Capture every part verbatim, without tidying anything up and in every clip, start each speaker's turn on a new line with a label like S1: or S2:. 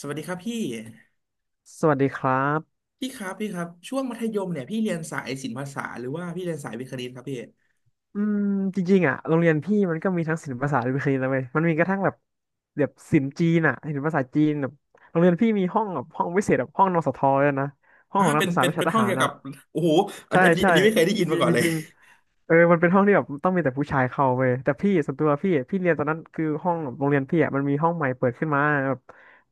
S1: สวัสดีครับพี่
S2: สวัสดีครับ
S1: พี่ครับพี่ครับช่วงมัธยมเนี่ยพี่เรียนสายศิลปภาษาหรือว่าพี่เรียนสายวิทย์คณิตครับพี่
S2: อืมจริงๆอ่ะโรงเรียนพี่มันก็มีทั้งศิลปศาสตร์และวิทยาศาสตน์เลยว้ยมันมีกระทั่งแบบแบบศิลป์จีนอ่ะศิลปศาสตร์จีนแบบโรงเรียนพี่มีห้องแบบห้องพิเศษแบบห้องนสทด้วยนะ ห้อง
S1: ฮะ
S2: ของนั
S1: เป็
S2: ก
S1: น
S2: ศึกษา
S1: เป็น
S2: วิ
S1: เป็
S2: ชา
S1: น
S2: ท
S1: ห้อง
S2: หาร
S1: เกี่ยวกั
S2: อ่ะ
S1: บโอ้โหอัน
S2: ใช่
S1: อันนี้
S2: ใช่
S1: อันนี้ไม่เคยได้
S2: จ
S1: ยินมา
S2: ริง
S1: ก่อ
S2: ๆ
S1: น
S2: จ
S1: เลย
S2: ริงๆเออมันเป็นห้องที่แบบต้องมีแต่ผู้ชายเข้าเว้ยแต่พี่ส่วนตัวพี่พี่เรียนตอนนั้นคือห้องโรงเรียนพี่อ่ะมันมีห้องใหม่เปิดขึ้นมาแบบ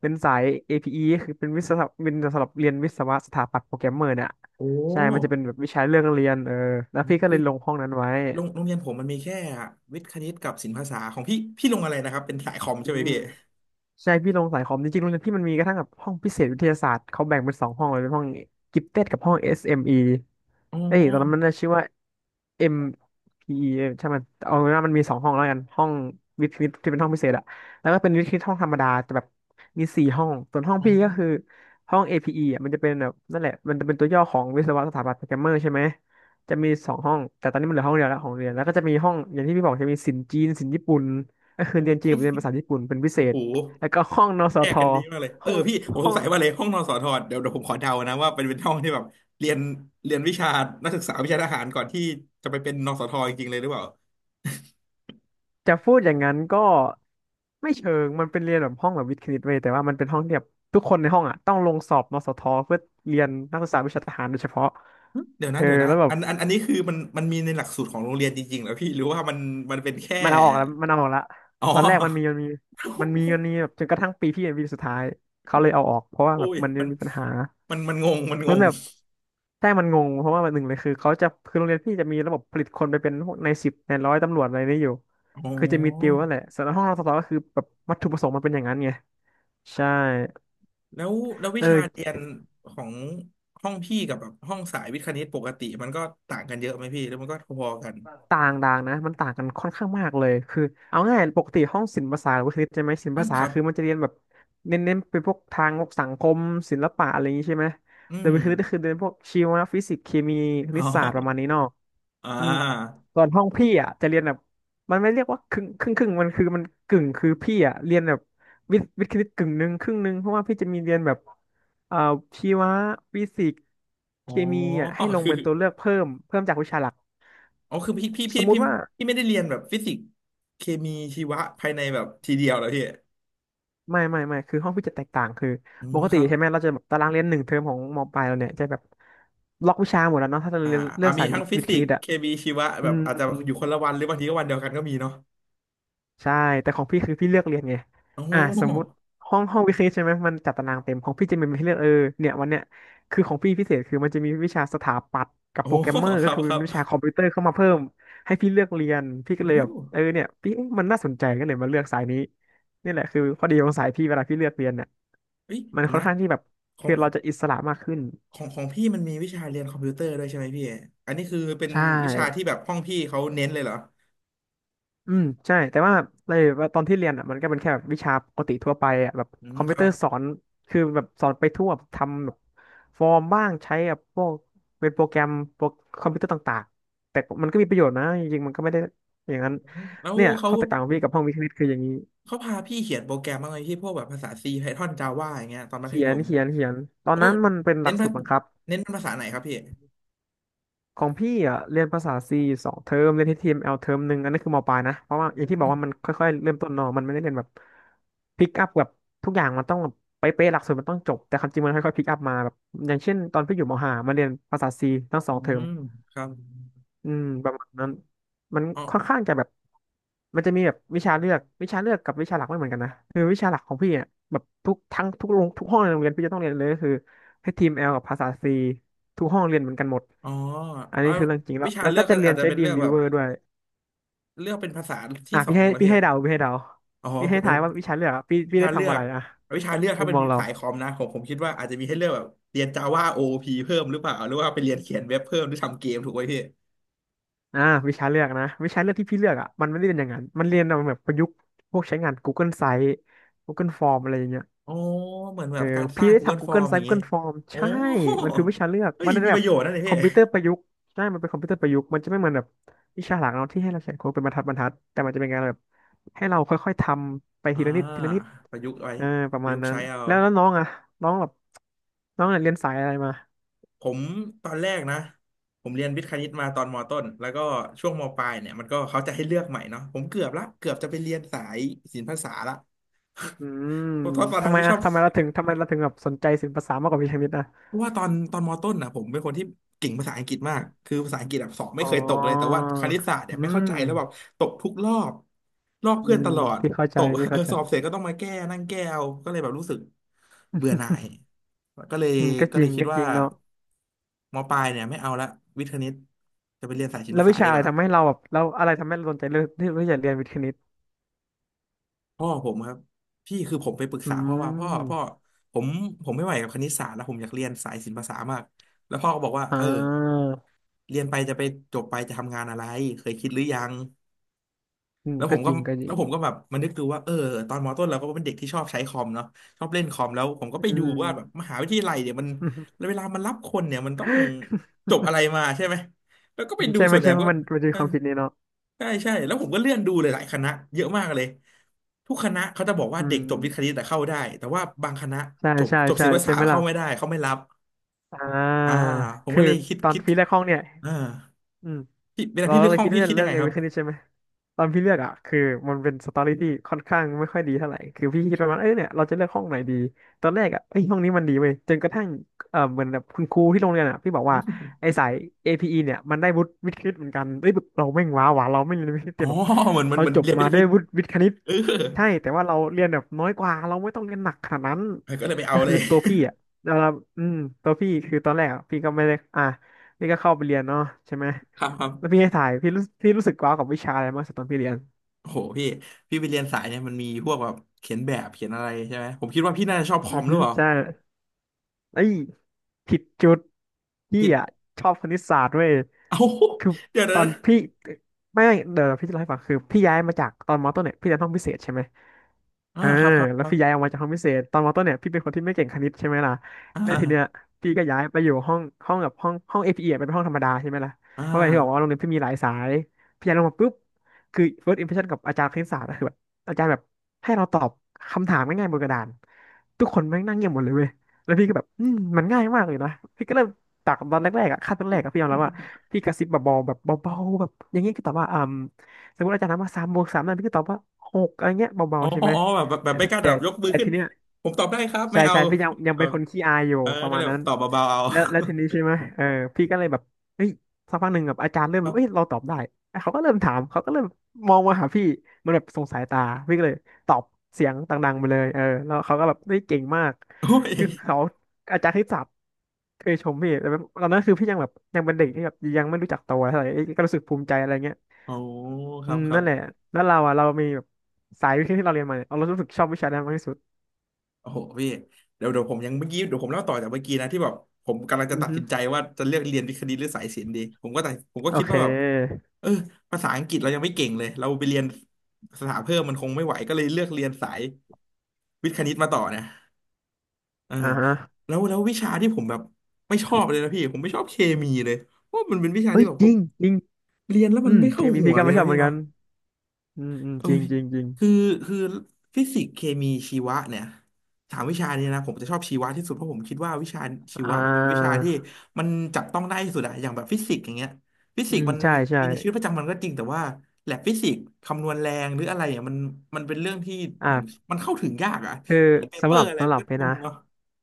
S2: เป็นสาย เอ พี อี คือเป็นวิศวะเป็นสำหรับเรียนวิศวะสถาปัตย์โปรแกรมเมอร์เนี่ย
S1: โอ้
S2: ใช่ มันจะเป็
S1: โ
S2: นแบบวิชาเรื่องเรียนเออแล้ว
S1: ห
S2: พี่ก็
S1: คื
S2: เล
S1: อ
S2: ยลงห้องนั้นไว้
S1: โรงโรงเรียนผมมันมีแค่วิทย์คณิตกับศิลปภาษาของพี่พี่ลงอะไรนะครับเป็นสายคอม
S2: อื
S1: ใช่ไหม
S2: ม
S1: พี่
S2: ใช่พี่ลงสายคอมจริงๆโรงเรียนพี่มันมีกระทั่งแบบห้องพิเศษวิทยาศาสตร์เขาแบ่งเป็นสองห้องเลยเป็นห้องกิฟเต็ดกับห้อง เอส เอ็ม อี
S1: อ๋อ
S2: เอมอีเอ้ยตอนนั้นมันน่าชื่อว่า เอ็ม พี อี ใช่มันเอาเป็นว่ามันมีสองห้องแล้วกันห้องวิทย์คณิตที่เป็นห้องพิเศษอะแล้วก็เป็นวิทย์คณิตห้องธรรมดาแต่แบบมีสี่ห้องส่วนห้อง
S1: อ๋อ
S2: พี่ก็คือห้อง เอ พี อี อพีอีอะมันจะเป็นแบบนั่นแหละมันจะเป็นตัวย่อของวิศวะสถาปัตย์โปรแกรมเมอร์ใช่ไหมจะมีสองห้องแต่ตอนนี้มันเหลือห้องเดียวแล้วของเรียนแล้วก็จะมีห้องอย่างที่พี่บอกจะมีศิลป์จีนศิลป์ญี่ปุ่นก็คือ
S1: อ๋
S2: เรียนจีนกั
S1: อ
S2: บเรียนภาษาญี่ปุ่นเป็นพิเศ
S1: โอ้
S2: ษ
S1: โห
S2: แล้วก็ห้องนส
S1: แย
S2: ท
S1: กกันดีมากเลยเอ
S2: ห้อ
S1: อ
S2: ง
S1: พี่ผมส
S2: ห้อ
S1: ง
S2: ง
S1: สัยว่าเลยห้องนอนสอทอเดี๋ยวเดี๋ยวผมขอเดานะว่าเป็นเป็นห้องที่แบบเรียนเรียนวิชานักศึกษาวิชาทหารก่อนที่จะไปเป็นนสทจริงๆเลยหรือเปล่า
S2: จะพูดอย่างนั้นก็ไม่เชิงมันเป็นเรียนแบบห้องแบบวิทย์คณิตเว้ยแต่ว่ามันเป็นห้องที่แบบทุกคนในห้องอ่ะต้องลงสอบนสทเพื่อเรียนนักศึกษาวิชาทหารโดยเฉพาะ
S1: เดี๋ยว
S2: เอ
S1: นะ
S2: อ
S1: เดี๋ยวนะ
S2: แล้วแบบ
S1: อันอันอันนี้คือมันมันมีในหลักสูตรของโรงเรียนจริงๆเหรอพี่หรือว่ามันมันเป็นแค่
S2: มันเอาออกแล้วมันเอาออกละ
S1: อ๋อ
S2: ตอนแรกมันมีมันมีมันมีมันมีแบบจนกระทั่งปีพี่เป็นปีสุดท้ายเขาเลยเอาออกเพราะ ว่า
S1: โอ้
S2: แบบ
S1: ย
S2: มัน
S1: มัน
S2: มีปัญหา
S1: มันมันงงมันง
S2: มัน
S1: ง
S2: แบบใช่มันงงเพราะว่ามันหนึ่งเลยคือเขาจะคือโรงเรียนพี่จะมีระบบผลิตคนไปเป็นพวกนายสิบนายร้อยตำรวจอะไรนี่อยู่
S1: อ๋อ
S2: คือจะมีติวนั่นแหละส่วนห้องนสทก็คือแบบวัตถุประสงค์มันเป็นอย่างนั้นไง ใช่
S1: แล้วแล้ววิ
S2: เอ
S1: ชาเรีย
S2: อ
S1: นของห้องพี่กับแบบห้องสายวิทย์คณิตปกติมันก็ต่างกันเยอะไหมพี่แล้วมันก็พอๆกัน
S2: ต่างต่างนะมันต่างกันค่อนข้างมากเลยคือเอาง่ายปกติห้องศิลปศาสตร์หรือว่าคลิปใช่ไหมศิลป
S1: อ่า
S2: ศา
S1: ค
S2: สต
S1: รั
S2: ร์
S1: บ
S2: คือมันจะเรียนแบบเน้นเน้นเป็นพวกทางพวกสังคมศิลปะอะไรอย่างนี้ใช่ไหม
S1: อื
S2: แต่
S1: ม
S2: วิคลิปก็คือเรียนพวกชีวะฟิสิกส์เคมีค
S1: อ๋
S2: ณิตศาสตร์ประมาณ
S1: อ
S2: นี้เนาะ
S1: อ่
S2: อืม
S1: า
S2: ส่วนห้องพี่อ่ะจะเรียนแบบมันไม่เรียกว่าครึ่งครึ่งครึ่งมันคือมันกึ่งคือพี่อ่ะเรียนแบบวิทย์วิทย์คณิตกึ่งหนึ่งครึ่งหนึ่งเพราะว่าพี่จะมีเรียนแบบเอ่อชีวะฟิสิกส์
S1: อ๋
S2: เค
S1: อ
S2: มีอ่ะให้ลง
S1: คือ
S2: เป็นตัวเลือกเพิ่มเพิ่มจากวิชาหลัก
S1: อ๋อคือพี่พี่
S2: ส
S1: พี่
S2: มมุ
S1: พี่
S2: ติว่า
S1: พี่ไม่ได้เรียนแบบฟิสิกส์เคมีชีวะภายในแบบทีเดียวเหรอพี่
S2: ไม่ไม่ไม่ คือห้องพี่จะแตกต่าง คือ
S1: อื
S2: ป
S1: ม
S2: ก
S1: ค
S2: ติ
S1: รับ
S2: ใช่ไหมเราจะแบบตารางเรียนหนึ่งเทอมของมปลายเราเนี่ยจะแบบล็อกวิชาหมดแล้วเนาะถ้าเรา
S1: อ่า
S2: เรียนเลื
S1: อ่า
S2: อก
S1: มี
S2: สาย
S1: ทั้งฟิ
S2: วิทย์ค
S1: สิก
S2: ณิ
S1: ส์
S2: ตอ่ะ
S1: เคมีชีวะ
S2: อื
S1: แบบ
S2: ม
S1: อาจจะอยู่คนละวันหรือบางทีก็วันเดียวกันก็มีเนาะ
S2: ใช่แต่ของพี่คือพี่เลือกเรียนไง
S1: โอ้โห
S2: อ่ะสมมติห้องห้องวิเคราะห์ใช่ไหมมันจัดตารางเต็มของพี่จะมีให้เลือกเออเนี่ยวันเนี้ยคือของพี่พิเศษคือมันจะมีวิชาสถาปัตย์กับ
S1: โอ้โ
S2: โปรแกร
S1: ห
S2: มเมอร์
S1: ค
S2: ก็
S1: รับ
S2: คือ
S1: ค
S2: เป็
S1: รั
S2: นวิชา
S1: บ
S2: คอมพิวเตอร์เข้ามาเพิ่มให้พี่เลือกเรียนพี่ก็
S1: โอ้
S2: เลย
S1: โห
S2: แบบเออเนี่ยพี่เอ๊ะมันน่าสนใจก็เลยมาเลือกสายนี้นี่แหละคือข้อดีของสายพี่เวลาพี่เลือกเรียนเนี่ย
S1: เฮ้ย
S2: มัน
S1: เดี๋ยว
S2: ค่อน
S1: นะ
S2: ข้างที่แบบ
S1: ขอ
S2: คื
S1: ง
S2: อ
S1: ขอ
S2: เราจะอิสระมากขึ้น
S1: งของพี่มันมีวิชาเรียนคอมพิวเตอร์ด้วยใช่ไหมพี่ อันนี้คือเป็น
S2: ใช่
S1: วิชาที่แบบห้องพี่เขาเน้นเลยเหรอ
S2: อืมใช่แต่ว่าในตอนที่เรียนอ่ะมันก็เป็นแค่แบบวิชาปกติทั่วไปอ่ะแบบ
S1: อื
S2: ค
S1: ม
S2: อม
S1: ค
S2: พิวเต
S1: รั
S2: อ
S1: บ
S2: ร์สอนคือแบบสอนไปทั่วแบบทำแบบฟอร์มบ้างใช้แบบพวกเป็นโปรแกรมโปรคอมพิวเตอร์ต่างๆแต่มันก็มีประโยชน์นะจริงๆมันก็ไม่ได้อย่างนั้น
S1: อืมแล้ว
S2: เนี่ย
S1: เขา
S2: ข้อแตกต่างของพี่กับห้องวิทย์คณิตคืออย่างนี้
S1: เขาพาพี่เขียนโปรแกรมบ้างไหมพี่พวกแบบภาษา C Python Java อย่างเงี้ยตอนมัธ
S2: เขี
S1: ย
S2: ยน
S1: ม
S2: เขียนเขียนตอน
S1: โอ้
S2: นั้นมันเป็นห
S1: เน้
S2: ลั
S1: น
S2: ก
S1: ภา
S2: สูตรบังคับ
S1: เน้นเป็นภาษาไหนครับพี่
S2: ของพี่อ่ะเรียนภาษาซีสองเทอมเรียนที่ทีมเอลเทอมหนึ่งอันนั้นคือมปลายนะเพราะว่าอย่างที่บอกว่ามันค่อยๆเริ่มต้นเนอะมันไม่ได้เรียนแบบพิกอัพแบบทุกอย่างมันต้องแบบเป๊ะๆหลักสูตรมันต้องจบแต่ความจริงมันค่อยๆพิกอัพมาแบบอย่างเช่นตอนพี่อยู่มห้ามาเรียนภาษาซีทั้งสอ
S1: อื
S2: งเทอม
S1: มครับ
S2: อืมประมาณนั้นมัน
S1: อ๋อ
S2: ค่อนข้างจะแบบมันจะมีแบบวิชาเลือกวิชาเลือกกับวิชาหลักไม่เหมือนกันนะคือวิชาหลักของพี่อ่ะแบบทุกทั้งทุกโรงทุกห้องในโรงเรียนพี่จะต้องเรียนเลยก็คือให้ทีมเอลกับภาษาซีทุกห้องเรียนเหมือนกันหมด
S1: อ๋อ
S2: อันนี้
S1: เอา
S2: คือเรื่องจริงแล้
S1: วิ
S2: ว
S1: ชา
S2: แล้ว
S1: เลื
S2: ก็
S1: อก
S2: จะ
S1: ก็
S2: เรีย
S1: อา
S2: น
S1: จจะ
S2: ใช้
S1: เป็น
S2: ดี
S1: เลื
S2: ม
S1: อก
S2: วิ
S1: แบ
S2: ว
S1: บ
S2: เ a v e r ด้วย
S1: เลือกเป็นภาษาที่
S2: อ่ะ
S1: สอ
S2: พี่
S1: ง
S2: ให้
S1: แล้ว
S2: พี่
S1: พี่
S2: ให้เดาพี่ให้เดา
S1: อ๋อ
S2: พี่ให้
S1: เดี๋ย
S2: ทา
S1: ว
S2: ยว่าวิชาเลือกอะพี่
S1: วิ
S2: พี่
S1: ชา
S2: ได้
S1: เลื
S2: ทำ
S1: อ
S2: อะ
S1: ก
S2: ไรอะ
S1: วิชาเลือก
S2: มุ
S1: ถ้า
S2: ม
S1: เป็น
S2: มองเรา
S1: สายคอมนะผมผมคิดว่าอาจจะมีให้เลือกแบบเรียน Java โอ o p เพิ่มหรือเปล่าหรือว่าไปเรียนเขียนเว็บเพิ่มหรือทำเกมถูกไหมพี่
S2: อ่าวิชาเลือกนะวิชาเลือกที่พี่เลือกอ่ะมันไม่ได้เรียนอย่างนั้นมันเรียนเอาแบบประยุกต์พวกใช้งาน Google Site Google Form อะไรอย่างเงี้ย
S1: อ๋อเหมือนแบ
S2: เออ
S1: บการส
S2: พี่
S1: ร้าง
S2: ได้
S1: Google
S2: ทำ Google
S1: Form
S2: s
S1: อ
S2: i t
S1: ย่า
S2: e
S1: งงี้
S2: Google Form
S1: โอ้
S2: ใช่มันคือวิชาเลือก
S1: เฮ้ย
S2: มันเป็
S1: มี
S2: น
S1: ป
S2: แบ
S1: ระ
S2: บ
S1: โยชน์นะเนี่ย
S2: คอ
S1: พี่
S2: มพิวเตอร์ประยุกต์ใช่มันเป็นคอมพิวเตอร์ประยุกต์มันจะไม่เหมือนแบบวิชาหลักเนาะที่ให้เราเขียนโค้ดเป็นบรรทัดบรรทัดแต่มันจะเป็นการแบบให้เราค่อยๆทำไป
S1: อ่า
S2: ทีละนิดทีละนิด
S1: ประยุกต์ไว้
S2: เออประ
S1: ประ
S2: มา
S1: ยุ
S2: ณ
S1: กต์
S2: นั้น
S1: ใช้เอา
S2: แล้วแล้วน้องอะน้องแบบน้องเนเรียนสายอะไรมา
S1: ผมตอนแรกนะผมเรียนวิทย์คณิตมาตอนมต้นแล้วก็ช่วงมปลายเนี่ยมันก็เขาจะให้เลือกใหม่เนาะผมเกือบละเกือบจะไปเรียนสายศิลปภาษาละ
S2: อืม
S1: เพราะตอนนั้
S2: ทำ
S1: น
S2: ไม
S1: ไม่ช
S2: อะ
S1: อบ
S2: ทำไมเราถึงทำไมเราถึงแบบสนใจศิลปศาสตร์มากกว่าวิชาวิทย์อะ
S1: เพราะว่าตอนตอนมอต้นอ่ะผมเป็นคนที่เก่งภาษาอังกฤษมากคือภาษาอังกฤษแบบสอบไม่
S2: อ๋
S1: เคยตกเลยแต่ว่า
S2: อ
S1: คณิตศาสตร์เนี่
S2: อื
S1: ยไม่เข้า
S2: ม
S1: ใจแล้วแบบตกทุกรอบลอก
S2: อื
S1: เพื่อน
S2: ม
S1: ตลอด
S2: พี่เข้าใจ
S1: ตก
S2: พี่
S1: เออ
S2: เข้าใจ
S1: สอบเสร็จก็ต้องมาแก้นั่งแก้เอาก็เลยแบบรู้สึกเบื่อหน่ายก็เลย
S2: อืมก็
S1: ก็
S2: จ
S1: เล
S2: ริง
S1: ยคิด
S2: ก็จ
S1: ว่า
S2: ริงเนาะ
S1: มปลายเนี่ยไม่เอาละวิทย์คณิตจะไปเรียนสายศิล
S2: แล้
S1: ป
S2: ว
S1: ศา
S2: วิ
S1: สตร์
S2: ชา
S1: ดี
S2: อะ
S1: ก
S2: ไร
S1: ว่า
S2: ทำให้เราแบบเราอะไรทำให้เราสนใจเรื่องที่ที่จะเรียนวิทย์คณิต
S1: พ่อผมครับพี่คือผมไปปรึก
S2: อื
S1: ษาพ่อว่าพ่อพ่อ
S2: ม
S1: ผมผมไม่ไหวกับคณิตศาสตร์แล้วผมอยากเรียนสายศิลปศาสตร์มากแล้วพ่อก็บอกว่า
S2: อ่
S1: เออ
S2: า
S1: เรียนไปจะไปจบไปจะทำงานอะไรเคยคิดหรือยัง
S2: อืม
S1: แล้วผ
S2: ก็
S1: ม
S2: จ
S1: ก็
S2: ริงก็จริ
S1: แล้ว
S2: ง
S1: ผมก็แบบมันนึกดูว่าเออตอนมต้นเราก็เป็นเด็กที่ชอบใช้คอมเนาะชอบเล่นคอมแล้วผมก็
S2: อื
S1: ไปดูว่าแบบม
S2: ม
S1: หาวิทยาลัยเนี่ยมัน เวลามันรับคนเนี่ยมันต้องจบอะไรมาใช่ไหมแล้วก็ไปดู
S2: ใช่ไหม
S1: ส่วนให
S2: ใช่
S1: ญ่
S2: ไหม
S1: ก็
S2: มันมันจะ
S1: เอ
S2: มี
S1: อ
S2: ความคิดนี้เนาะ
S1: ใช่ใช่แล้วผมก็เลื่อนดูหลายๆคณะเยอะมากเลยทุกคณะเขาจะบอกว่า
S2: อื
S1: เด็ก
S2: ม
S1: จบวิทย์คณิตแต่เข้าได้แต่ว่าบางคณะ
S2: ใช่
S1: จบ
S2: ใช่
S1: จบศิ
S2: ใช่
S1: ลปศา
S2: ใช่
S1: สต
S2: ไหม
S1: ร์เข้า
S2: ล่ะ
S1: ไม่ได้เขาไม่รับ
S2: อ่า
S1: อ่าผม
S2: คื
S1: ก็
S2: อ
S1: เลยคิด
S2: ตอน
S1: คิด
S2: ฟีแรกห้องเนี่ย
S1: อ่า
S2: อืม
S1: พี่เวลา
S2: เรา
S1: พี่เลือ
S2: เล
S1: ก
S2: ย
S1: ห้อ
S2: คิ
S1: ง
S2: ด
S1: พี่
S2: ว่าจะ
S1: คิด
S2: เลื
S1: ยั
S2: อ
S1: ง
S2: ก
S1: ไง
S2: เรีย
S1: ค
S2: น
S1: รับ
S2: วิทย์คณิตใช่ไหม ตอนพี่เลือกอ่ะคือมันเป็นสตอรี่ที่ค่อนข้างไม่ค่อยดีเท่าไหร่คือพี่คิดประมาณเอ้ยเนี่ยเราจะเลือกห้องไหนดีตอนแรกอ่ะเอ้ยห้องนี้มันดีเว้ยจนกระทั่งเออเหมือนแบบคุณครูที่โรงเรียนอ่ะพี่บอกว่าไอ้สาย เอ พี อี เนี่ยมันได้วุฒิวิทย์คณิตเหมือนกันเอ้ยแบบเราแม่งว้าวะเราไม่เรียนวิทย์คณิต
S1: อ๋
S2: แต่
S1: อ
S2: แบบ
S1: เหมือนเหมัน
S2: เรา
S1: เหมือน
S2: จบ
S1: เรียนพิ
S2: มา
S1: เศช่
S2: ได้
S1: ผิด
S2: วุฒิวิทย์คณิตใช่แต่ว่าเราเรียนแบบน้อยกว่าเราไม่ต้องเรียนหนักขนาดนั้น
S1: เออก็เลยไป
S2: ก็
S1: เอา
S2: คื
S1: เล
S2: อ
S1: ย
S2: ตัวพี่อ่ะเราอืมตัวพี่คือตอนแรกอะพี่ก็ไม่ได้อ่ะ นี่ก็เข้าไปเรียนเนาะใช่ไหม
S1: ครับครับ
S2: แล้วพี่ให้ถ่ายพี่รู้พี่รู้สึกว้าวกับวิชาอะไรมากสุดตอนพี่เรียน
S1: โอ้โหพี่พี่ไปเรียนสายเนี่ยมันมีพวกแบบเขียนแบบเขียนอะไรใช่ไหมผมคิดว่าพี่น่าจะชอบคอ
S2: อือ
S1: มหรื
S2: ฮึ
S1: อเปล่า
S2: ใช่เอ้ย ผิดจุดพี่
S1: ผิด
S2: อ่ะชอบคณิตศาสตร์เว้ย
S1: เอ้า
S2: คือ
S1: เดี๋ยว
S2: ตอ
S1: นะ
S2: นพี่ไม่ไม่เดี๋ยวพี่จะเล่าให้ฟังคือพี่ย้ายมาจากตอนมอต้นเนี่ยพี่เรียนห้องพิเศษใช่ไหม
S1: อ่า
S2: อ่า
S1: ครับครับ
S2: แล้
S1: ค
S2: ว
S1: รั
S2: พี่ย้า
S1: บ
S2: ยออกมาจากห้องพิเศษตอนมอต้นเนี่ยพี่เป็นคนที่ไม่เก่งคณิตใช่ไหมล่ะ
S1: อ่
S2: แล้วทีเนี้ย
S1: า
S2: พี่ก็ย้ายไปอยู่ห้องห้องกับห้องห้อง เอ พี อี อพีอีอะเป็นห้องธรรมดาใช่ไหมล่ะ
S1: อ่า
S2: เพราะว่าอย่างที่บอกว่าโรงเรียนพี่มีหลายสายพี่ย้ายลงมาปุ๊บคือ first impression กับอาจารย์คณิตศาสตร์อะคือแบบอาจารย์แบบให้เราตอบคำถามง่ายๆบนกระดานทุกคนแม่งนั่งเงียบหมดเลยเว้ย แล้วพี่ก็แบบอืมมันง่ายมากเลยนะพี่ก็เริ่มจากตอนแรกๆอ่ะขั้นตอนแรกอะพี่ยอมรับว่าพี่กระซิบแบบเบาๆแบบเบาๆแบบอย่างงี้ก็ตอบว่าอ่าสมมติอาจารย์ถามว่าสามบวกสามนั่นพี่ก็ตอบว่าหกอะไรเงี้ยเบา
S1: อ๋อ
S2: ๆใช่ไหม
S1: อ๋อแบบแบบแบบ
S2: แต่
S1: ไม่
S2: ที่
S1: กล้าแบ
S2: แต่
S1: บยกมือ
S2: แต่
S1: ขึ้น
S2: ทีเนี้ย
S1: ผมตอบได้ครับไม่
S2: ใช่
S1: เอา
S2: ใช่พี่ยังยัง
S1: เออ
S2: เป็นคนขี้อายอยู่
S1: เออ
S2: ประ
S1: ก็
S2: มา
S1: เล
S2: ณ
S1: ยแบ
S2: นั้
S1: บ
S2: น
S1: ตอบเบาๆเอา
S2: แล้วแล้วทีนี้ใช่ไหมเออพี่ก็เลยแบบเฮ้ยสักพักหนึ่งแบบอาจารย์เริ่ ม
S1: ครั
S2: รู้เอ้ย
S1: บ
S2: เราตอบได้เอ้ยเขาก็เริ่มถามเขาก็เริ่มมองมาหาพี่มันแบบส่งสายตาพี่ก็เลยตอบเสียงดังๆไปเลยเออแล้วเขาก็แบบเฮ้ยเก่งมาก
S1: โอ้ย
S2: คือเขาอาจารย์ที่สับเคยชมพี่แต่แบบตอนนั้นคือพี่ยังแบบยังเป็นเด็กที่แบบยังไม่รู้จักตัวเท่าไหร่เอ้ยก็รู้สึกภูมิใจอะไรเงี้ย
S1: โอ้ค
S2: อื
S1: รับ
S2: ม
S1: ครั
S2: นั่
S1: บ
S2: นแหละแล้วเราอ่ะเรามีแบบสายวิทย์ที่เราเรียนมาเนี่ยเรารู้สึกชอบวิชานั้นมากที่สุด
S1: โอ้โหพี่เดี๋ยวเดี๋ยวผมยังเมื่อกี้เดี๋ยวผมเล่าต่อจากเมื่อกี้นะที่แบบผมกำลังจะ
S2: อือ
S1: ตัด
S2: ฮึ
S1: สินใจว่าจะเลือกเรียนวิทย์คณิตหรือสายศิลป์ดีผมก็ตัดผมก็
S2: โอ
S1: คิด
S2: เค
S1: ว่าแบบเออภาษาอังกฤษเรายังไม่เก่งเลยเราไปเรียนสถาเพิ่มมันคงไม่ไหวก็เลยเลือกเรียนสายวิทย์คณิตมาต่อเนี่ยเออ
S2: อ่าฮะ
S1: แล้วแล้ววิชาที่ผมแบบไม่ชอบเลยนะพี่ผมไม่ชอบเคมีเลยเพราะมันเป็นวิชา
S2: เฮ้
S1: ที่
S2: ย
S1: แบบ
S2: จ
S1: ผ
S2: ริ
S1: ม
S2: งจริง
S1: เรียนแล้ว
S2: อื
S1: มัน
S2: ม
S1: ไม่
S2: เค
S1: เข้า
S2: มี
S1: หั
S2: พี่
S1: ว
S2: ก็
S1: เล
S2: ไม่
S1: ย
S2: ช
S1: นะ
S2: อบเห
S1: พี่
S2: มือนกั
S1: เนาะ
S2: นอืมอืม
S1: เอ้
S2: จริง
S1: ย
S2: จริงจริง
S1: คือคือฟิสิกส์เคมีชีวะเนี่ยสามวิชานี้นะผมจะชอบชีวะที่สุดเพราะผมคิดว่าวิชาชี
S2: อ่
S1: วะมันเป็นวิชา
S2: า
S1: ที่มันจับต้องได้ที่สุดอะอย่างแบบฟิสิกส์อย่างเงี้ยฟิ
S2: อื
S1: สิกส์
S2: ม
S1: มัน
S2: ใช่ใช่
S1: มีในชีวิตประจำวันก็จริงแต่ว่าแลบฟิสิกส์คำนวณแรงหรืออะไรอ่ะมันมันเป็นเรื่องที่เหมือน
S2: อ่า
S1: มันเข้าถึงยากอะ
S2: คือ
S1: อย่างเปเป
S2: สำ
S1: อ
S2: หรับ
S1: ร์อะไร
S2: สำ
S1: มั
S2: ห
S1: น
S2: รับ
S1: ก็
S2: เพชร
S1: ง
S2: นะ
S1: งเนาะ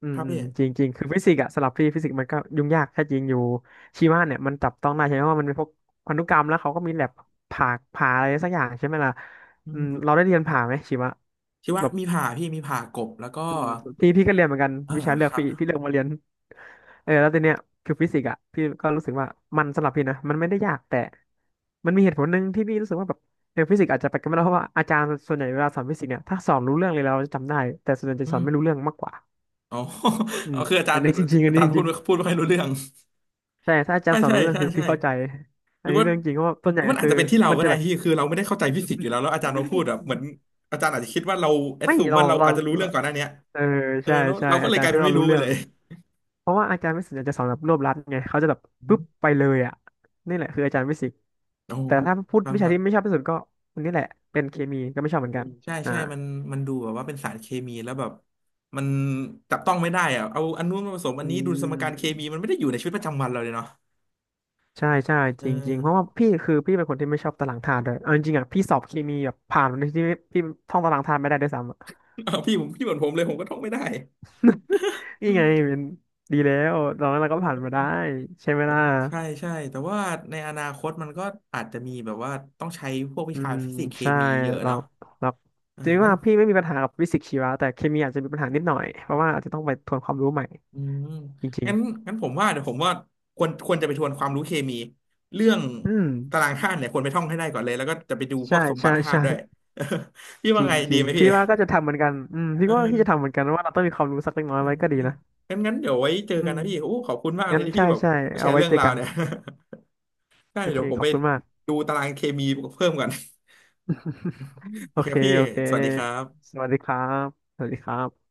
S2: อื
S1: ค
S2: ม
S1: รับ
S2: อื
S1: พี่
S2: มจริงจริงคือฟิสิกส์อะสำหรับพี่ฟิสิกส์มันก็ยุ่งยากแค่จริงอยู่ชีวะเนี่ยมันจับต้องได้ใช่ไหมว่ามันเป็นพวกพันธุกรรมแล้วเขาก็มีแลบผ่าผ่าอะไรสักอย่างใช่ไหมล่ะ
S1: อื
S2: อืม
S1: ม
S2: เราได้เรียนผ่าไหมชีวะ
S1: ชีวะ
S2: แบบ
S1: มีผ่าพี่มีผ่ากบแล้วก็
S2: อืมพี่พี่ก็เรียนเหมือนกัน
S1: อ่า
S2: วิชาเลื
S1: ค
S2: อก
S1: รับ
S2: พี่พี่เลือกมาเรียนเออแล้วทีเนี้ยคือฟิสิกส์อ่ะพี่ก็รู้สึกว่ามันสำหรับพี่นะมันไม่ได้ยากแต่มันมีเหตุผลหนึ่งที่พี่รู้สึกว่าแบบเออฟิสิกส์อาจจะไปกันไม่ได้เพราะว่าอาจารย์ส่วนใหญ่เวลาสอนฟิสิกส์เนี่ยถ้าสอนรู้เรื่องเลยเราจะจำได้แต่ส่วนใหญ่จะ
S1: อื
S2: สอน
S1: ม
S2: ไม่รู้เรื่องมากกว่า
S1: อ๋อ
S2: อื
S1: อ๋อ
S2: ม
S1: คืออาจา
S2: อั
S1: ร
S2: น
S1: ย์
S2: นี้จริงๆอั
S1: อา
S2: นนี้
S1: จารย์พู
S2: จ
S1: ด
S2: ริง
S1: ไม่พูดไม่ค่อยรู้เรื่อง
S2: ๆใช่ถ้าอาจาร
S1: ใช่
S2: ย์สอน
S1: ใช่
S2: รู้เรื่อง
S1: ใช่
S2: คือ
S1: ใช่
S2: พี่เข้าใจ
S1: ห
S2: อั
S1: รื
S2: น
S1: อ
S2: นี้
S1: ว่า
S2: เรื่องจริงเพราะว่าส่วน
S1: ห
S2: ให
S1: รือ
S2: ญ่
S1: มันอาจ
S2: คือ
S1: จะเป็นที่เรา
S2: มัน
S1: ก็
S2: จะ
S1: ได้
S2: แบบ
S1: ที่คือเราไม่ได้เข้าใจฟิสิกส์อยู่แล้วแล้วอาจารย์มาพูดแบบเหมือน อาจารย์อาจจะคิดว่าเราแอ ด
S2: ไม่
S1: ซูม
S2: เรา
S1: ว่าเรา
S2: เรา
S1: อาจจะรู้
S2: เรา
S1: เรื่องก่อนหน้าเนี้ย
S2: เออ
S1: เออ
S2: ใช่
S1: แล้ว
S2: ใช่
S1: เราก็
S2: อา
S1: เลย
S2: จา
S1: ก
S2: ร
S1: ลา
S2: ย์
S1: ย
S2: ที่
S1: เป็น
S2: เรา
S1: ไม่
S2: รู้
S1: รู้ไป
S2: เรื่อ
S1: เล
S2: ง
S1: ย
S2: เพราะว่าอาจารย์วิสิตอาจจะสอนแบบรวบรัดไงเขาจะแบบ
S1: อื
S2: ปุ๊บ
S1: ม
S2: ไปเลยอ่ะนี่แหละคืออาจารย์วิสิต
S1: โอ้
S2: แต่ถ้าพูด
S1: ครับ
S2: วิ
S1: ค
S2: ชา
S1: รั
S2: ที่ไม่ช
S1: บ
S2: อบที่สุดก็อันนี้แหละเป็นเคมีก็ไม่ชอบเห
S1: อื
S2: มือน
S1: ม
S2: กัน
S1: ใช่
S2: อ่า
S1: ใช่มันมันดูแบบว่าเป็นสารเคมีแล้วแบบมันจับต้องไม่ได้อะเอาอันนู้นมาผสมอั
S2: อื
S1: นนี้ดูสมการเคมี
S2: ม
S1: มันไม่ได้อยู่ในชีวิตประจำวันเราเลยเนาะ
S2: ใช่ใช่
S1: เอ
S2: จริงๆเพราะว่า
S1: อ
S2: พี่คือพี่เป็นคนที่ไม่ชอบตารางธาตุด้วยเอาจริงๆอ่ะพี่สอบเคมีแบบผ่านในที่พี่ท่องตารางธาตุไม่ได้ด้วยซ้ำอะ
S1: เอาพี่ผมพี่เหมือนผมเลยผมก็ท่องไม่ได้
S2: นี่ไงเป็นดีแล้วตอนนั้นเราก็ผ่าน มาได้ใช่ไหม
S1: โอ้
S2: ล่ะ
S1: ใช่ใช่แต่ว่าในอนาคตมันก็อาจจะมีแบบว่าต้องใช้พวกวิ
S2: อื
S1: ชา
S2: ม
S1: ฟิสิกส์เค
S2: ใช่
S1: มีเยอะ
S2: เรา
S1: เนาะ
S2: เรา
S1: เออ
S2: จริงๆ
S1: งั้
S2: ว่า
S1: น
S2: พี่ไม่มีปัญหากับฟิสิกส์ชีวะแต่เคมีอาจจะมีปัญหานิดหน่อยเพราะว่าอาจจะต้องไปทวนความรู้ใหม่
S1: อืม
S2: จริง
S1: งั้นงั้นผมว่าเดี๋ยวผมว่าควรควรจะไปทวนความรู้เคมีเรื่อง
S2: ๆอืม
S1: ตารางธาตุเนี่ยควรไปท่องให้ได้ก่อนเลยแล้วก็จะไปดูพ
S2: ใช่
S1: วกสมบั
S2: ใช่
S1: ติธาตุ
S2: ใช่
S1: ด้วย พี่
S2: จ
S1: ว่า
S2: ริง
S1: ไง
S2: จ
S1: ดี
S2: ริง
S1: ไหมพี่
S2: พี่ว่าก็จะทำเหมือนกันอืมพี่
S1: เอ
S2: ว่าพี่จะทำเห
S1: อ
S2: มือนกันว่าเราต้องมีความรู้สักเล็กน้อย
S1: เออ
S2: ไว้ก็ดี
S1: พี่
S2: นะ
S1: งั้นงั้นเดี๋ยวไว้เจอ
S2: อื
S1: กัน
S2: ม
S1: นะพี่โอ้ขอบคุณมากเล
S2: งั้
S1: ย
S2: น
S1: ที่
S2: ใช่
S1: พี่แบบ
S2: ใช่
S1: แช
S2: เอา
S1: ร์
S2: ไว้
S1: เรื่อ
S2: เจ
S1: ง
S2: อ
S1: ราว
S2: กัน
S1: เนี่ย ได้
S2: โอเค
S1: เดี๋ยวผม
S2: ขอ
S1: ไป
S2: บคุณมาก
S1: ดูตารางเคมีเพิ่มก่อน โอ
S2: โอ
S1: เค
S2: เค
S1: ครับพี่
S2: โอเค
S1: สวัสดีครับ
S2: สวัสดีครับสวัสดีครับ